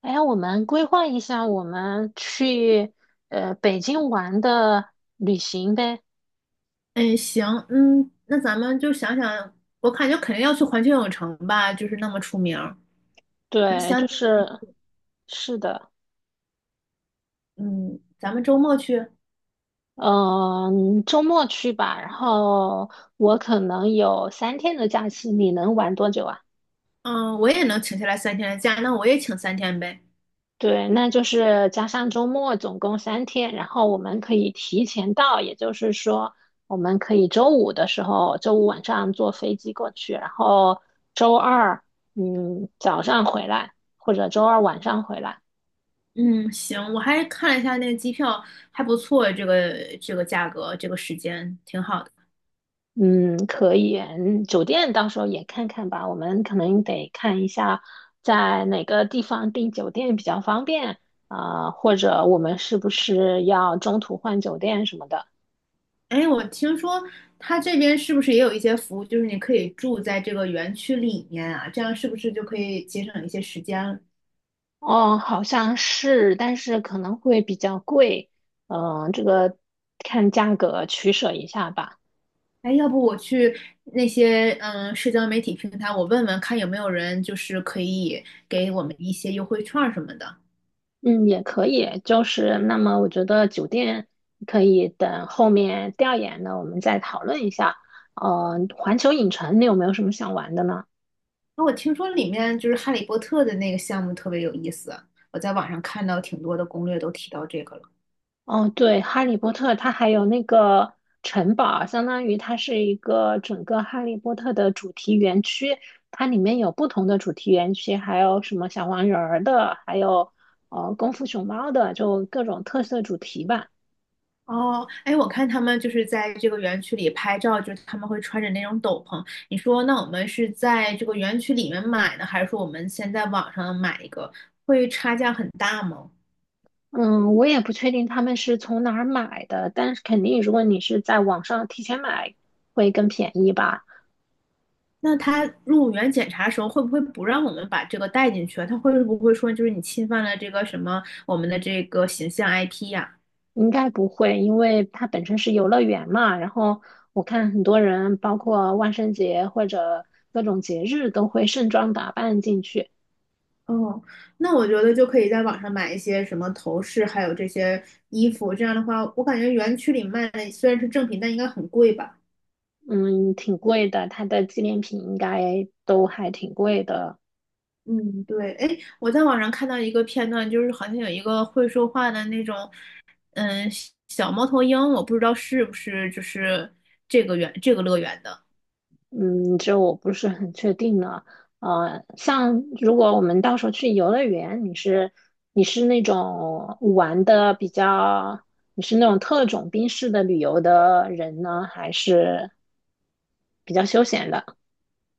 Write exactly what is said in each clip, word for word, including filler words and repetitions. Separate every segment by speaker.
Speaker 1: 哎呀我们规划一下我们去呃北京玩的旅行呗。
Speaker 2: 哎，行，嗯，那咱们就想想，我感觉肯定要去环球影城吧，就是那么出名儿。你
Speaker 1: 对，
Speaker 2: 想，
Speaker 1: 就是是的，
Speaker 2: 嗯，咱们周末去。
Speaker 1: 嗯，周末去吧。然后我可能有三天的假期，你能玩多久啊？
Speaker 2: 嗯，我也能请下来三天的假，那我也请三天呗。
Speaker 1: 对，那就是加上周末，总共三天。然后我们可以提前到，也就是说，我们可以周五的时候，周五晚上坐飞机过去，然后周二，嗯，早上回来，或者周二晚上回来。
Speaker 2: 嗯，行，我还看了一下那个机票，还不错，这个这个价格，这个时间挺好的。
Speaker 1: 嗯，可以。嗯酒店到时候也看看吧，我们可能得看一下在哪个地方订酒店比较方便啊，或者我们是不是要中途换酒店什么的。
Speaker 2: 哎，我听说他这边是不是也有一些服务，就是你可以住在这个园区里面啊，这样是不是就可以节省一些时间？
Speaker 1: 哦，好像是，但是可能会比较贵，嗯、这个看价格取舍一下吧。
Speaker 2: 哎，要不我去那些嗯社交媒体平台，我问问看有没有人就是可以给我们一些优惠券儿什么的。
Speaker 1: 嗯，也可以，就是那么我觉得酒店可以等后面调研呢，我们再讨论一下。嗯，环球影城你有没有什么想玩的呢？
Speaker 2: 那我听说里面就是《哈利波特》的那个项目特别有意思，我在网上看到挺多的攻略都提到这个了。
Speaker 1: 哦，对，《哈利波特》它还有那个城堡，相当于它是一个整个《哈利波特》的主题园区，它里面有不同的主题园区，还有什么小黄人儿的，还有呃功夫熊猫的，就各种特色主题吧。
Speaker 2: 哦，哎，我看他们就是在这个园区里拍照，就是他们会穿着那种斗篷。你说，那我们是在这个园区里面买呢，还是说我们先在网上买一个，会差价很大吗？
Speaker 1: 嗯，我也不确定他们是从哪儿买的，但是肯定如果你是在网上提前买，会更便宜吧。
Speaker 2: 那他入园检查时候会不会不让我们把这个带进去啊？他会不会说就是你侵犯了这个什么我们的这个形象 I P 呀、
Speaker 1: 应该不会，因为它本身是游乐园嘛。然后我看很多人，包括万圣节或者各种节日，都会盛装打扮进去。
Speaker 2: 哦，那我觉得就可以在网上买一些什么头饰，还有这些衣服。这样的话，我感觉园区里卖的虽然是正品，但应该很贵吧？
Speaker 1: 嗯，挺贵的，它的纪念品应该都还挺贵的。
Speaker 2: 嗯，对，哎，我在网上看到一个片段，就是好像有一个会说话的那种，嗯，小猫头鹰，我不知道是不是就是这个园这个乐园的。
Speaker 1: 嗯，这我不是很确定呢。呃，像如果我们到时候去游乐园，你是你是那种玩的比较，你是那种特种兵式的旅游的人呢，还是比较休闲的？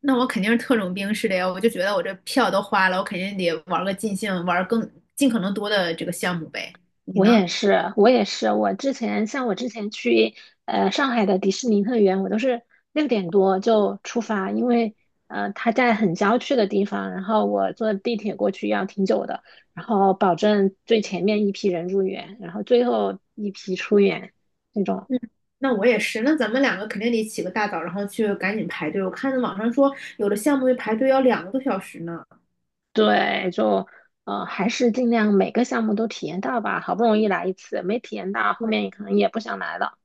Speaker 2: 那我肯定是特种兵式的呀，我就觉得我这票都花了，我肯定得玩个尽兴，玩更尽可能多的这个项目呗。你
Speaker 1: 我
Speaker 2: 呢？
Speaker 1: 也是，我也是。我之前像我之前去呃上海的迪士尼乐园，我都是六点多就出发，因为呃它在很郊区的地方，然后我坐地铁过去要挺久的，然后保证最前面一批人入园，然后最后一批出园那种。
Speaker 2: 嗯，那我也是，那咱们两个肯定得起个大早，然后去赶紧排队。我看网上说有的项目排队要两个多小时呢。
Speaker 1: 对，就呃还是尽量每个项目都体验到吧，好不容易来一次，没体验到后
Speaker 2: 对，
Speaker 1: 面可能也不想来了。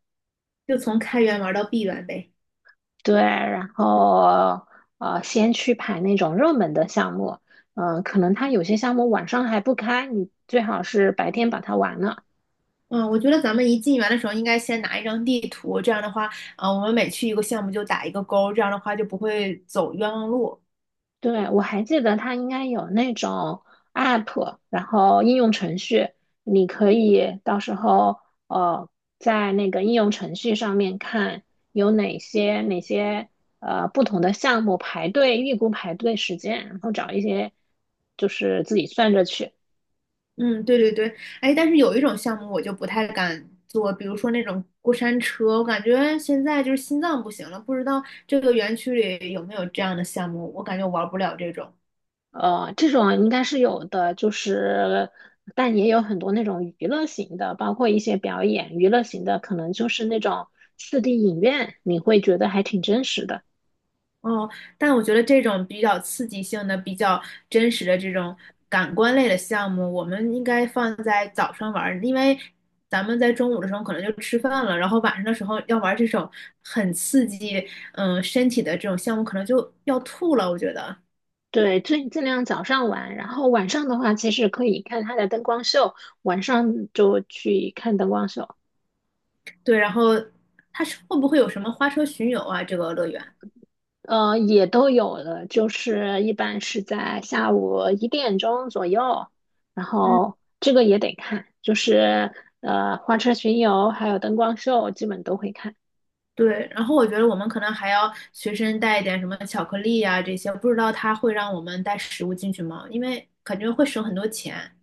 Speaker 2: 就从开园玩到闭园呗。
Speaker 1: 对，然后呃，先去排那种热门的项目，嗯、可能它有些项目晚上还不开，你最好是白天把它完了。
Speaker 2: 嗯，我觉得咱们一进园的时候应该先拿一张地图，这样的话，啊、我们每去一个项目就打一个勾，这样的话就不会走冤枉路。
Speaker 1: 对，我还记得它应该有那种 app，然后应用程序，你可以到时候呃，在那个应用程序上面看有哪些哪些呃不同的项目排队，预估排队时间，然后找一些就是自己算着去。
Speaker 2: 嗯，对对对，哎，但是有一种项目我就不太敢做，比如说那种过山车，我感觉现在就是心脏不行了，不知道这个园区里有没有这样的项目，我感觉我玩不了这种。
Speaker 1: 呃，这种应该是有的，就是，但也有很多那种娱乐型的，包括一些表演，娱乐型的可能就是那种四 d 影院，你会觉得还挺真实的。
Speaker 2: 哦，但我觉得这种比较刺激性的、比较真实的这种感官类的项目，我们应该放在早上玩儿，因为咱们在中午的时候可能就吃饭了，然后晚上的时候要玩这种很刺激，嗯，身体的这种项目，可能就要吐了，我觉得。
Speaker 1: 对，尽尽量早上玩，然后晚上的话，其实可以看它的灯光秀，晚上就去看灯光秀。
Speaker 2: 对，然后它是会不会有什么花车巡游啊？这个乐园，
Speaker 1: 呃，也都有了，就是一般是在下午一点钟左右，然
Speaker 2: 嗯，
Speaker 1: 后这个也得看，就是呃花车巡游还有灯光秀基本都会看，
Speaker 2: 对。然后我觉得我们可能还要随身带一点什么巧克力啊这些，不知道它会让我们带食物进去吗？因为感觉会省很多钱。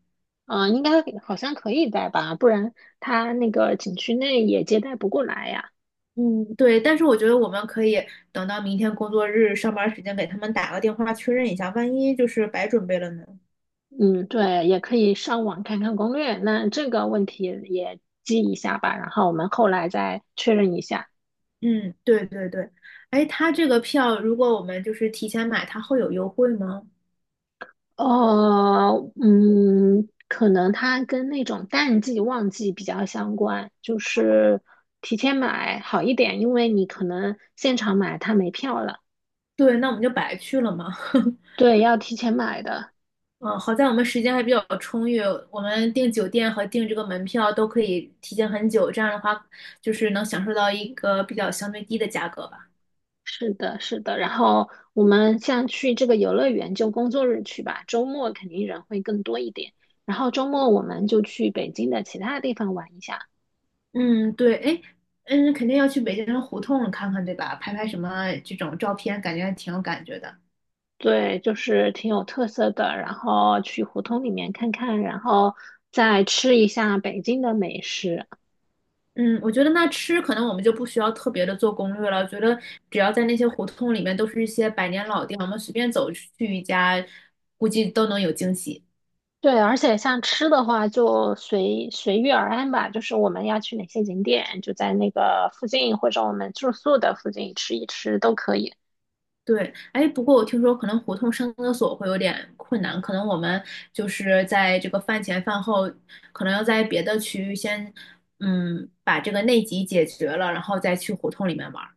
Speaker 1: 嗯、呃应该好像可以带吧，不然他那个景区内也接待不过来呀。
Speaker 2: 嗯，对，但是我觉得我们可以等到明天工作日上班时间给他们打个电话确认一下，万一就是白准备了呢？
Speaker 1: 嗯，对，也可以上网看看攻略，那这个问题也记一下吧，然后我们后来再确认一下。
Speaker 2: 嗯，对对对。哎，它这个票如果我们就是提前买，它会有优惠吗？
Speaker 1: 呃，嗯，可能它跟那种淡季旺季比较相关，就是提前买好一点，因为你可能现场买它没票了。
Speaker 2: 对，那我们就白去了嘛。
Speaker 1: 对，要提前买的。
Speaker 2: 嗯，好在我们时间还比较充裕，我们订酒店和订这个门票都可以提前很久，这样的话就是能享受到一个比较相对低的价格吧。
Speaker 1: 是的，是的。然后我们像去这个游乐园就工作日去吧，周末肯定人会更多一点。然后周末我们就去北京的其他地方玩一下。
Speaker 2: 嗯，对，哎，嗯，肯定要去北京的胡同看看，对吧？拍拍什么这种照片，感觉还挺有感觉的。
Speaker 1: 对，就是挺有特色的。然后去胡同里面看看，然后再吃一下北京的美食。
Speaker 2: 嗯，我觉得那吃可能我们就不需要特别的做攻略了，觉得只要在那些胡同里面都是一些百年老店，我们随便走去一家，估计都能有惊喜。
Speaker 1: 对，而且像吃的话，就随随遇而安吧。就是我们要去哪些景点，就在那个附近或者我们住宿的附近吃一吃都可以。
Speaker 2: 对，哎，不过我听说可能胡同上厕所会有点困难，可能我们就是在这个饭前饭后，可能要在别的区域先，嗯，把这个内急解决了，然后再去胡同里面玩儿。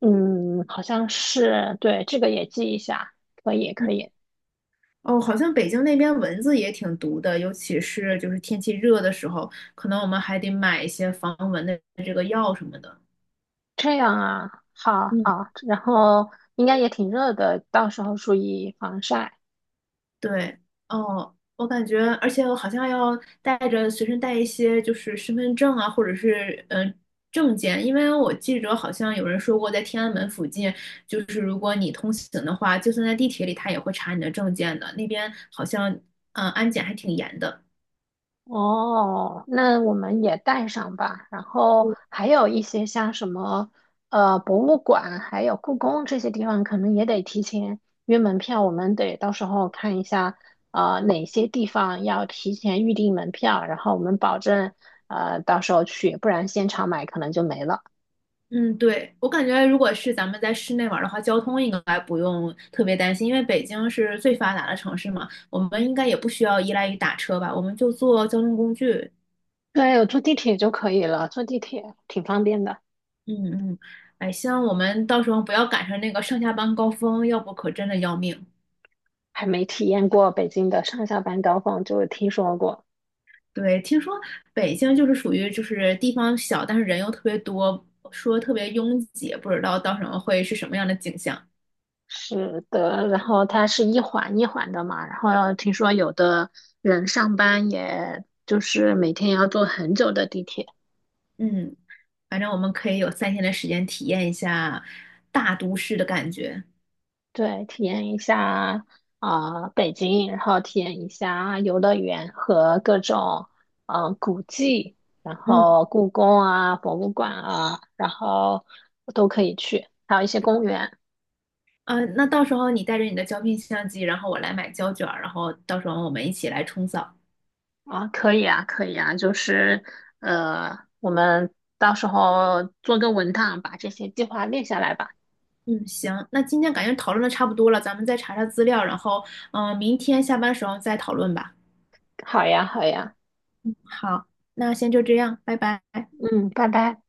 Speaker 1: 嗯，好像是，对，这个也记一下，可以，
Speaker 2: 嗯
Speaker 1: 可以。
Speaker 2: 哦，好像北京那边蚊子也挺毒的，尤其是就是天气热的时候，可能我们还得买一些防蚊的这个药什么的。
Speaker 1: 这样啊，好
Speaker 2: 嗯。
Speaker 1: 好。然后应该也挺热的，到时候注意防晒。
Speaker 2: 对，哦，我感觉，而且我好像要带着随身带一些，就是身份证啊，或者是嗯、呃证件，因为我记着好像有人说过，在天安门附近，就是如果你通行的话，就算在地铁里，他也会查你的证件的。那边好像嗯、呃安检还挺严的。
Speaker 1: 哦，那我们也带上吧。然后还有一些像什么呃博物馆，还有故宫这些地方，可能也得提前约门票。我们得到时候看一下，呃哪些地方要提前预订门票，然后我们保证呃到时候去，不然现场买可能就没了。
Speaker 2: 嗯，对，我感觉如果是咱们在室内玩儿的话，交通应该不用特别担心，因为北京是最发达的城市嘛，我们应该也不需要依赖于打车吧，我们就坐交通工具。
Speaker 1: 对，我坐地铁就可以了，坐地铁挺方便的，
Speaker 2: 嗯嗯，哎，希望我们到时候不要赶上那个上下班高峰，要不可真的要命。
Speaker 1: 还没体验过北京的上下班高峰，就听说过。
Speaker 2: 对，听说北京就是属于就是地方小，但是人又特别多，说特别拥挤，不知道到时候会是什么样的景象。
Speaker 1: 是的，然后它是一环一环的嘛，然后听说有的人上班也就是每天要坐很久的地铁，
Speaker 2: 嗯，反正我们可以有三天的时间体验一下大都市的感觉。
Speaker 1: 对，体验一下啊、呃北京，然后体验一下游乐园和各种嗯、呃古迹，然
Speaker 2: 嗯，
Speaker 1: 后故宫啊、博物馆啊，然后都可以去，还有一些公园。
Speaker 2: 呃，那到时候你带着你的胶片相机，然后我来买胶卷儿，然后到时候我们一起来冲扫。
Speaker 1: 啊，可以啊，可以啊，就是呃，我们到时候做个文档，把这些计划列下来吧。
Speaker 2: 嗯，行，那今天感觉讨论的差不多了，咱们再查查资料，然后，嗯、明天下班时候再讨论吧。
Speaker 1: 好呀，好呀，
Speaker 2: 好，那先就这样，拜拜。
Speaker 1: 嗯，拜拜。